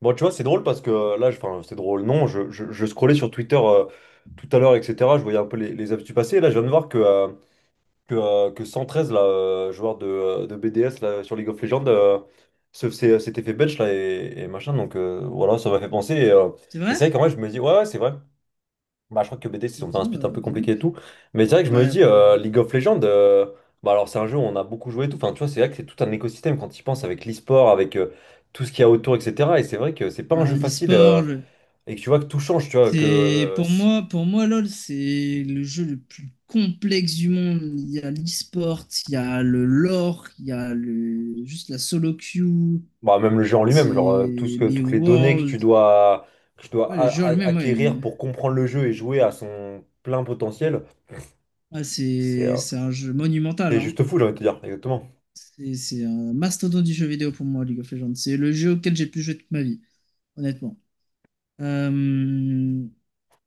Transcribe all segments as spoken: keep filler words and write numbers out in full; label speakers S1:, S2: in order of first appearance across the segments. S1: Bon, tu vois, c'est drôle parce que euh, là, je- enfin, c'est drôle, non, je, je, je scrollais sur Twitter, euh, tout à l'heure, et cetera. Je voyais un peu les, les actus passer. Et là, je viens de voir que, euh, que, euh, que cent treize, là, euh, joueur de, euh, de B D S là, sur League of Legends, euh, se- s'est- s'était fait bench là, et, et machin. Donc, euh, voilà, ça m'a fait penser. Et, euh,
S2: C'est
S1: et
S2: vrai?
S1: c'est vrai qu'en vrai, je me dis, ouais, ouais, c'est vrai. Bah, je crois que B D, ils ont fait un
S2: Putain,
S1: split un
S2: bah,
S1: peu
S2: dis
S1: compliqué et
S2: donc.
S1: tout. Mais c'est vrai que je
S2: Ouais,
S1: me dis,
S2: après,
S1: euh, League of Legends, euh, bah, alors c'est un jeu où on a beaucoup joué et tout. Enfin, tu vois, c'est vrai que c'est tout un écosystème quand tu y penses avec l'e-sport, avec, euh, tout ce qu'il y a autour, et cetera. Et c'est vrai que c'est pas un
S2: bah,
S1: jeu facile, euh,
S2: l'e-sport, le-
S1: et que tu vois que tout change, tu vois, que
S2: c'est
S1: euh,
S2: pour
S1: c'est-
S2: moi, pour moi, LoL, c'est le jeu le plus complexe du monde. Il y a l'e-sport, il y a le lore, il y a le juste la solo queue,
S1: bah, même le jeu en
S2: c'est
S1: lui-même, genre, euh, tout ce que,
S2: les
S1: toutes les données que
S2: worlds.
S1: tu dois, que tu dois
S2: Ouais, le
S1: a-
S2: jeu en
S1: a-
S2: lui-même,
S1: acquérir
S2: ouais.
S1: pour comprendre le jeu et jouer à son plein potentiel,
S2: Ah,
S1: c'est
S2: c'est
S1: euh,
S2: c'est un jeu monumental,
S1: c'est
S2: hein.
S1: juste fou, j'ai envie de te dire, exactement.
S2: C'est c'est un mastodonte du jeu vidéo pour moi, League of Legends. C'est le jeu auquel j'ai le plus joué toute ma vie, honnêtement. Euh,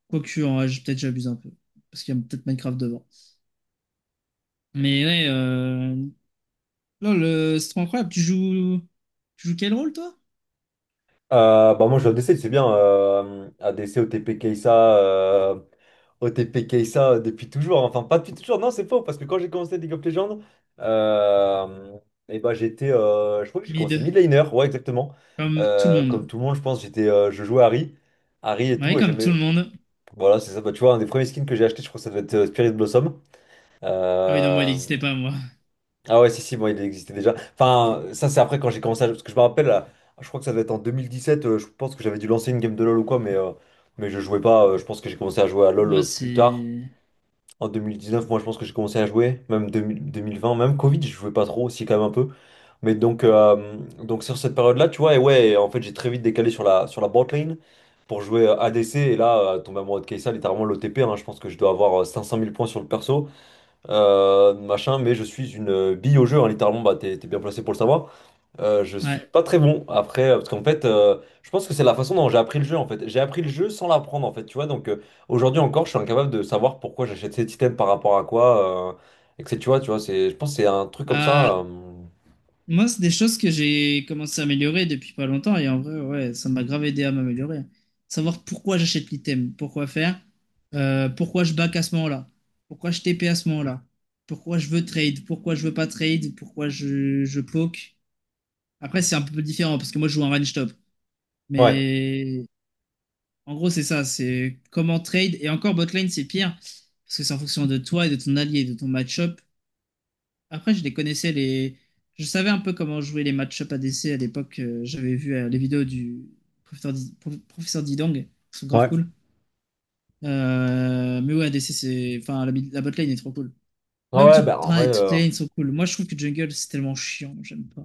S2: Quoique, en vrai, j'ai- peut-être j'abuse un peu. Parce qu'il y a peut-être Minecraft devant. Mais ouais, euh... lol, euh, c'est trop incroyable. Tu joues... tu joues quel rôle, toi?
S1: Euh, bah moi, je l'A D C, c'est bien. euh, ADC, OTP, Kai'Sa, euh, O T P, Kai'Sa depuis toujours, hein. Enfin, pas depuis toujours, non, c'est faux, parce que quand j'ai commencé League of Legends, euh, et bah, j'étais. Euh, je crois que j'ai commencé
S2: Mid.
S1: mid laner, ouais, exactement.
S2: Comme tout le
S1: Euh, comme
S2: monde.
S1: tout le monde, je pense, j'étais, euh, je jouais Harry. Harry et
S2: Ouais,
S1: tout, et
S2: comme tout le
S1: j'aimais.
S2: monde.
S1: Voilà, c'est ça. Bah, tu vois, un des premiers skins que j'ai acheté, je crois que ça doit être, euh, Spirit Blossom.
S2: Ah oui, non, moi, il
S1: Euh,
S2: n'existait pas, moi.
S1: ah ouais, si, si, bon, il existait déjà. Enfin, ça, c'est après quand j'ai commencé à... Parce que je me rappelle, euh, je crois que ça devait être en deux mille dix-sept, euh, je pense que j'avais dû lancer une game de LoL ou quoi, mais, euh, mais je jouais pas. Euh, je pense que j'ai commencé à jouer à
S2: Pour
S1: LoL,
S2: moi,
S1: euh, plus tard.
S2: c'est.
S1: En deux mille dix-neuf, moi, je pense que j'ai commencé à jouer, même deux mille deux mille vingt, même Covid, je jouais pas trop aussi, quand même un peu. Mais donc, euh, donc sur cette période-là, tu vois, et ouais, en fait, j'ai très vite décalé sur la, sur la bot lane pour jouer, euh, A D C, et là, euh, tomber amoureux de Kai'Sa, littéralement l'O T P, hein, je pense que je dois avoir, euh, cinq cent mille points sur le perso, euh, machin, mais je suis une, euh, bille au jeu, hein, littéralement, bah, t'es, t'es bien placé pour le savoir. Euh, je suis
S2: Ouais.
S1: pas très bon après, euh, parce qu'en fait, euh, je pense que c'est la façon dont j'ai appris le jeu, en fait. J'ai appris le jeu sans l'apprendre, en fait, tu vois. Donc, euh, aujourd'hui encore, je suis incapable de savoir pourquoi j'achète cet item par rapport à quoi, euh, et que c'est- tu vois, tu vois, c'est, je pense que c'est un truc comme
S2: Bah,
S1: ça. euh,
S2: moi, c'est des choses que j'ai commencé à améliorer depuis pas longtemps et en vrai, ouais, ça m'a grave aidé à m'améliorer. Savoir pourquoi j'achète l'item, pourquoi faire, euh, pourquoi je back à ce moment-là, pourquoi je T P à ce moment-là, pourquoi je veux trade, pourquoi je veux pas trade, pourquoi je, je poke. Après, c'est un peu différent parce que moi, je joue en range top.
S1: Ouais.
S2: Mais en gros, c'est ça, c'est comment trade. Et encore, botlane, c'est pire parce que c'est en fonction de toi et de ton allié, de ton match-up. Après, je les connaissais les. Je savais un peu comment jouer les match-up A D C à l'époque. euh, j'avais vu euh, les vidéos du professeur, Di- Pro- professeur Didong, qui sont grave
S1: Ouais.
S2: cool. Euh, Mais ouais, A D C, c'est. Enfin, la, mid- la bot lane est trop cool.
S1: Ah
S2: Même tout-
S1: ouais, bah en vrai.
S2: ouais, toutes
S1: euh,
S2: les lanes sont cool. Moi, je trouve que jungle, c'est tellement chiant. J'aime pas.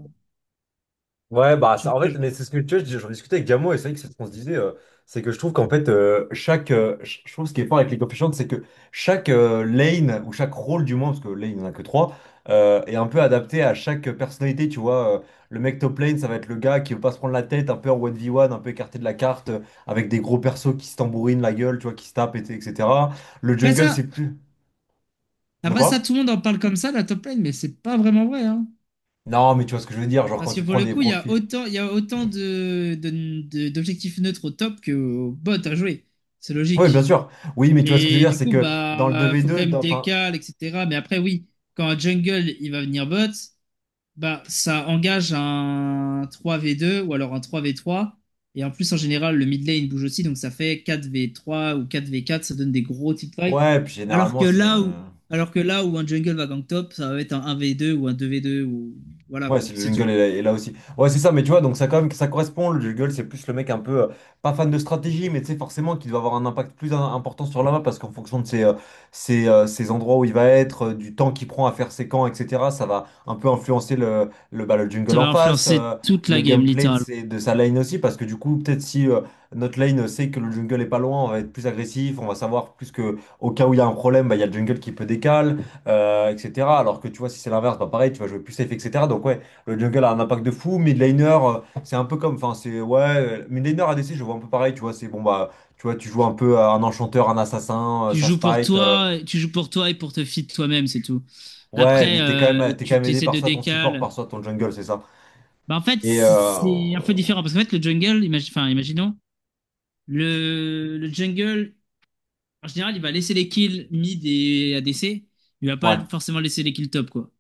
S1: Ouais, bah ça,
S2: J'aime
S1: en
S2: pas.
S1: fait, mais
S2: j'aime-
S1: c'est ce que tu vois, je- j'en discutais avec Gamo et c'est vrai que c'est ce qu'on se disait, euh, c'est que je trouve qu'en fait, euh, chaque, euh, ch- je trouve ce qui est fort avec les coefficients, c'est que chaque, euh, lane ou chaque rôle du moins, parce que lane il n'y en a que trois, euh, est un peu adapté à chaque personnalité, tu vois. Euh, le mec top lane, ça va être le gars qui veut pas se prendre la tête, un peu en un v one un peu écarté de la carte, euh, avec des gros persos qui se tambourinent la gueule, tu vois, qui se tapent, et- t- et cetera. Le
S2: Après
S1: jungle, c'est
S2: ça,
S1: plus. De
S2: après
S1: quoi?
S2: ça, tout le monde en parle comme ça, la top lane, mais c'est pas vraiment vrai, hein.
S1: Non, mais tu vois ce que je veux dire, genre quand
S2: Parce que
S1: tu
S2: pour
S1: prends
S2: le
S1: des
S2: coup, il y a
S1: profils.
S2: autant, il y a autant de, de- de- d'objectifs neutres au top qu'au bot à jouer. C'est
S1: Oui, bien
S2: logique.
S1: sûr. Oui, mais tu vois ce que je veux
S2: Et
S1: dire,
S2: du
S1: c'est
S2: coup,
S1: que dans le
S2: bah, euh, faut quand
S1: deux contre deux,
S2: même
S1: dans- enfin,
S2: décal, et cetera. Mais après, oui, quand un jungle, il va venir bot, bah, ça engage un trois vé deux ou alors un trois vé trois. Et en plus, en général, le mid lane bouge aussi, donc ça fait quatre vé trois ou quatre vé quatre, ça donne des gros tick fights.
S1: ouais, puis
S2: Alors
S1: généralement,
S2: que
S1: c'est,
S2: là où,
S1: euh,
S2: alors que là où un jungle va gank top, ça va être un 1v2 ou un deux vé deux ou, voilà,
S1: ouais,
S2: quoi,
S1: c'est le
S2: c'est tout.
S1: jungle est là, est là aussi. Ouais, c'est ça, mais tu vois, donc ça, quand même, ça correspond. Le jungle, c'est plus le mec un peu, euh, pas fan de stratégie, mais tu sais, forcément, qui doit avoir un impact plus im- important sur la map parce qu'en fonction de ses, euh, ses, euh, ses endroits où il va être, euh, du temps qu'il prend à faire ses camps, et cetera, ça va un peu influencer le, le, bah, le
S2: Ça
S1: jungle en
S2: va
S1: face,
S2: influencer
S1: euh,
S2: toute
S1: le
S2: la game.
S1: gameplay de, ses- de sa lane aussi, parce que du coup, peut-être si euh, notre lane sait que le jungle est pas loin, on va être plus agressif, on va savoir plus que au cas où il y a un problème, bah, il y a le jungle qui peut décaler, euh, et cetera. Alors que tu vois, si c'est l'inverse, bah, pareil, tu vas jouer plus safe, et cetera. Donc, ouais. Le jungle a un impact de fou. Midlaner, euh, c'est un peu comme. Enfin, c'est. Ouais. euh, Midlaner A D C, je vois un peu pareil, tu vois. C'est bon, bah. Tu vois, tu joues un peu à un enchanteur, un assassin, euh,
S2: Tu
S1: ça se
S2: joues pour
S1: fight. Euh,
S2: toi, tu joues pour toi et pour te fit toi-même, c'est tout.
S1: ouais,
S2: Après,
S1: mais t'es quand
S2: euh,
S1: même, t'es quand
S2: tu
S1: même aidé
S2: essaies
S1: par
S2: de
S1: soit ton support, par
S2: décale.
S1: soit ton jungle, c'est ça.
S2: Bah, en fait,
S1: Et.
S2: c'est
S1: Euh,
S2: c'est un peu différent parce qu'en fait, le jungle, imagi- enfin, imaginons, le, le jungle, en général, il va laisser les kills mid et A D C. Il va pas
S1: ouais.
S2: forcément laisser les kills top, quoi.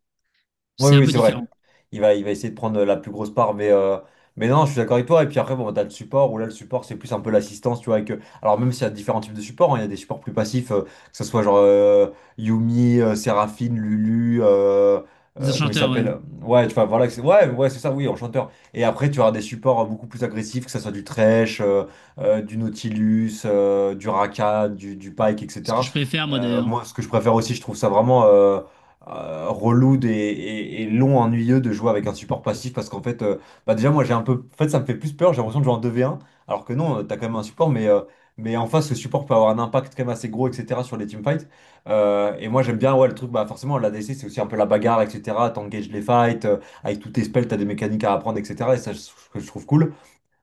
S1: Oui,
S2: C'est un
S1: oui,
S2: peu
S1: c'est
S2: différent.
S1: vrai. Il va, il va essayer de prendre la plus grosse part, mais, euh, mais non, je suis d'accord avec toi. Et puis après, bon, bah, t'as le support, où là, le support, c'est plus un peu l'assistance, tu vois. Avec, euh, alors, même s'il y a différents types de supports, hein, il y a des supports plus passifs, euh, que ce soit genre, euh, Yumi, euh, Séraphine, Lulu, euh,
S2: Les
S1: euh, comment il
S2: enchanteurs, ouais.
S1: s'appelle? Ouais, tu vois, voilà, que c'est- ouais, ouais, c'est ça, oui, enchanteur. Et après, tu auras des supports, euh, beaucoup plus agressifs, que ce soit du Thresh, euh, euh, du Nautilus, euh, du Rakan, du, du Pike,
S2: Ce que
S1: et cetera.
S2: je préfère, moi,
S1: Euh,
S2: d'ailleurs.
S1: moi, ce que je préfère aussi, je trouve ça vraiment. Euh, euh, relou des- et, et long, ennuyeux de jouer avec un support passif parce qu'en fait, euh, bah déjà, moi j'ai un peu. En fait, ça me fait plus peur, j'ai l'impression de jouer en deux v un, alors que non, euh, t'as quand même un support, mais, euh, mais en face, ce support peut avoir un impact quand même assez gros, et cetera sur les teamfights. Euh, et moi j'aime bien, ouais, le truc, bah forcément, la l'A D C c'est aussi un peu la bagarre, et cetera. T'engages les fights, euh, avec tous tes spells, t'as des mécaniques à apprendre, et cetera. Et ça, je, que je trouve cool.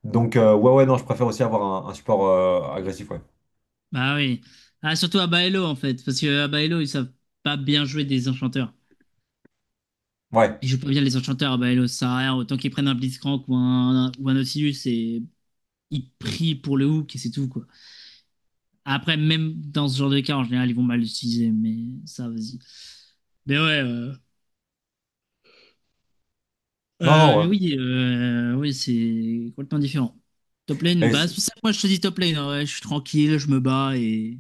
S1: Donc, euh, ouais, ouais, non, je préfère aussi avoir un, un support, euh, agressif, ouais.
S2: Bah oui. Ah, surtout à Baello, en fait. Parce que à Baello, ils savent pas bien jouer des enchanteurs.
S1: Ouais,
S2: Ils jouent pas bien les enchanteurs. Bah, le rien. Autant qu'ils prennent un Blitzcrank ou un, ou un Nautilus et ils prient pour le hook et c'est tout, quoi. Après, même dans ce genre de cas, en général, ils vont mal l'utiliser, mais ça, vas-y. Mais ouais, euh,
S1: non, non,
S2: euh, mais
S1: ouais.
S2: oui, euh, oui c'est complètement différent. Top lane,
S1: Mais
S2: bah,
S1: c'est-
S2: c'est pour ça que moi je te dis top lane, hein, ouais, je suis tranquille, je me bats et,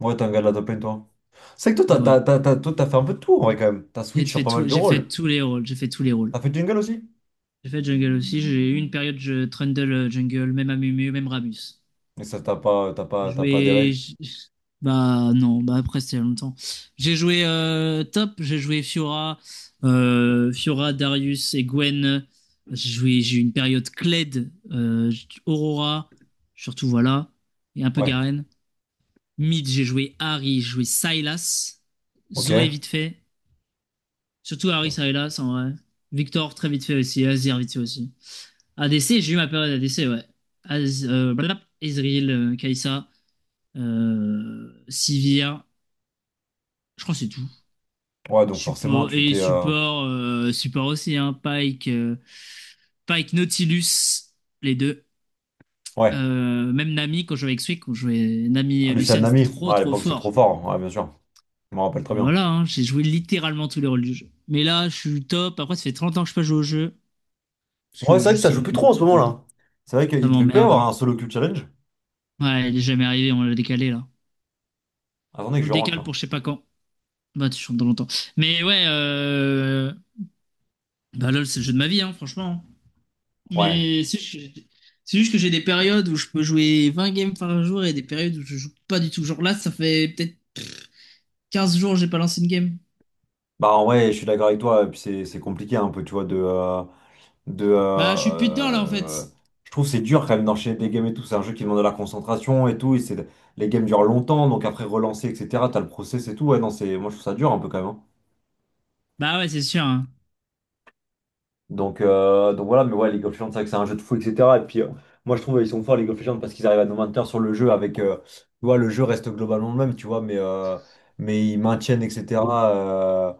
S1: ouais, t'es un gars de la top lane, toi. C'est que toi,
S2: et ouais.
S1: t'as, t'as, t'as, t'as- toi, t'as fait un peu de tout en vrai quand même. T'as
S2: J'ai
S1: switch sur
S2: fait,
S1: pas mal
S2: tout,
S1: de
S2: j'ai fait
S1: rôles.
S2: tous les rôles. J'ai fait tous les rôles.
S1: T'as fait Jungle aussi?
S2: J'ai fait jungle aussi. J'ai eu une période, je trundle euh, jungle, même Amumu, même Ramus.
S1: Mais ça, t'as pas, t'as
S2: J'ai
S1: pas, t'as pas
S2: joué.
S1: adhéré.
S2: j- Bah non, bah après c'était il y a longtemps. J'ai joué euh, Top, j'ai joué Fiora, euh, Fiora, Darius et Gwen. J'ai joué, j'ai eu une période Kled, euh, Aurora, surtout voilà, et un peu
S1: Ouais,
S2: Garen. Mid, j'ai joué Harry, j'ai joué Sylas,
S1: ok.
S2: Zoé vite fait, surtout Harry
S1: Bon.
S2: Sylas en vrai. Victor très vite fait aussi, Azir vite fait aussi. A D C, j'ai eu ma période A D C, ouais. Az, euh, blablabla, Ezreal, Kaisa euh, Sivir, je crois que c'est tout.
S1: Ouais, donc forcément,
S2: Support
S1: tu
S2: et
S1: t'es. euh,
S2: support, euh, support aussi, hein, Pike, euh, Pike, Nautilus, les deux.
S1: Ouais,
S2: Euh, même Nami, quand je jouais avec Swick, quand je jouais Nami
S1: ah,
S2: et
S1: Lucien
S2: Lucian, c'était
S1: Nami.
S2: trop
S1: Ouais, à
S2: trop
S1: l'époque, c'est trop
S2: fort.
S1: fort, hein. Ouais, bien sûr. Je m'en rappelle très
S2: Et
S1: bien.
S2: voilà, hein, j'ai joué littéralement tous les rôles du jeu. Mais là, je suis top. Après, ça fait trente ans que je peux jouer au jeu. Parce
S1: Ouais,
S2: que
S1: c'est vrai que
S2: juste,
S1: ça
S2: ça
S1: joue plus trop en ce
S2: m'emmerde.
S1: moment-là. C'est vrai
S2: Ça
S1: qu'il devait pas y
S2: m'emmerde.
S1: avoir un solo queue challenge.
S2: Ouais, il est jamais arrivé, on l'a décalé là.
S1: Attendez
S2: On
S1: que
S2: le
S1: je rentre
S2: décale
S1: là.
S2: pour je sais pas quand. Bah, tu chantes dans longtemps. Mais ouais, euh... bah LOL, c'est le jeu de ma vie, hein, franchement.
S1: Ouais.
S2: Mais c'est juste que c'est juste que j'ai des périodes où je peux jouer vingt games par jour et des périodes où je joue pas du tout. Genre là, ça fait peut-être quinze jours que j'ai pas lancé une game.
S1: Bah, en vrai, je suis d'accord avec toi. Et puis, c'est c'est compliqué un peu, tu vois, de. Euh, de
S2: Bah,
S1: euh,
S2: je suis plus dedans là en fait.
S1: euh, je trouve que c'est dur quand même d'enchaîner des games et tout. C'est un jeu qui demande de la concentration et tout. Et c'est les games durent longtemps, donc après relancer, etc. T'as le process et tout. Ouais, non, c'est moi je trouve ça dur un peu quand même, hein.
S2: Bah ouais, c'est sûr.
S1: Donc, euh, donc voilà. Mais ouais, League of Legends, c'est vrai que c'est un jeu de fou, etc. Et puis, euh, moi je trouve ils sont forts League of Legends parce qu'ils arrivent à nous maintenir sur le jeu avec, euh, tu vois le jeu reste globalement le même, tu vois, mais, euh, mais ils maintiennent, etc. euh,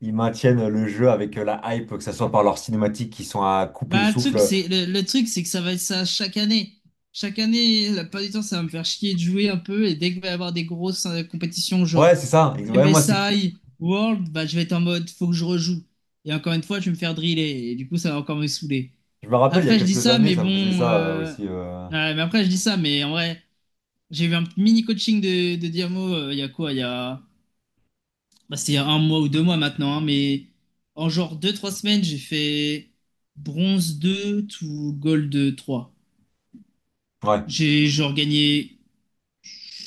S1: Ils maintiennent le jeu avec, euh, la hype, que ce soit par leurs cinématiques qui sont à couper le
S2: Bah, le truc,
S1: souffle.
S2: c'est le, le truc, c'est que ça va être ça chaque année. Chaque année, la plupart du temps, ça va me faire chier de jouer un peu. Et dès qu'il va y avoir des grosses euh, compétitions,
S1: Ouais,
S2: genre
S1: c'est ça. Ex- Ouais, moi, c'est
S2: M S I, World, bah, je vais être en mode, faut que je rejoue. Et encore une fois, je vais me faire driller. Et du coup, ça va encore me saouler.
S1: je me rappelle, il y a
S2: Après, je dis
S1: quelques
S2: ça,
S1: années,
S2: mais
S1: ça me faisait
S2: bon,
S1: ça, euh,
S2: euh,
S1: aussi. euh.
S2: ouais, mais après, je dis ça, mais en vrai, j'ai eu un mini coaching de, de, Diamo, euh, il y a quoi? Il y a. Bah, c'était il y a un mois ou deux mois maintenant, hein, mais en genre deux, trois semaines, j'ai fait bronze deux to gold trois.
S1: Ouais,
S2: J'ai genre gagné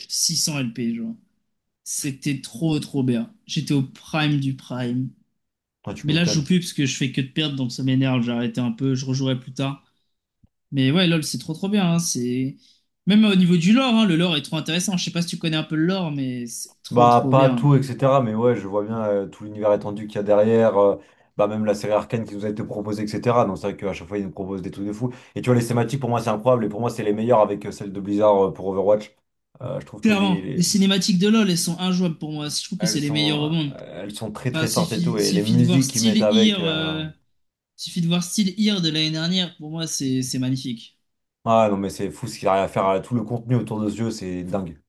S2: six cents L P, genre. C'était trop, trop bien. J'étais au prime du prime.
S1: ouais, tu
S2: Mais là, je joue
S1: m'étonnes.
S2: plus parce que je fais que de perdre, donc ça m'énerve. J'ai arrêté un peu, je rejouerai plus tard. Mais ouais, LoL, c'est trop, trop bien, hein. C'est Même au niveau du lore, hein, le lore est trop intéressant. Je sais pas si tu connais un peu le lore, mais c'est trop,
S1: Bah,
S2: trop
S1: pas
S2: bien.
S1: tout, et cetera. Mais ouais, je vois bien, euh, tout l'univers étendu qu'il y a derrière. Euh, bah, même la série Arcane qui nous a été proposée, et cetera. Donc, c'est vrai qu'à chaque fois, ils nous proposent des trucs de fou. Et tu vois, les thématiques, pour moi, c'est incroyable. Et pour moi, c'est les meilleures avec, euh, celles de Blizzard, euh, pour Overwatch. Euh, je trouve que les,
S2: Clairement,
S1: les-
S2: les cinématiques de LoL, elles sont injouables pour moi. Je trouve que
S1: elles
S2: c'est les
S1: sont...
S2: meilleures au monde.
S1: euh, Elles sont très,
S2: Enfin,
S1: très fortes et tout.
S2: suffit,
S1: Et les
S2: suffit de voir
S1: musiques qu'ils mettent
S2: Still
S1: avec.
S2: Here,
S1: euh,
S2: euh, suffit de voir Still Here de l'année dernière. Pour moi, c'est c'est magnifique.
S1: Ah, non, mais c'est fou ce qu'il arrive à faire. euh, Tout le contenu autour de ce jeu, c'est dingue.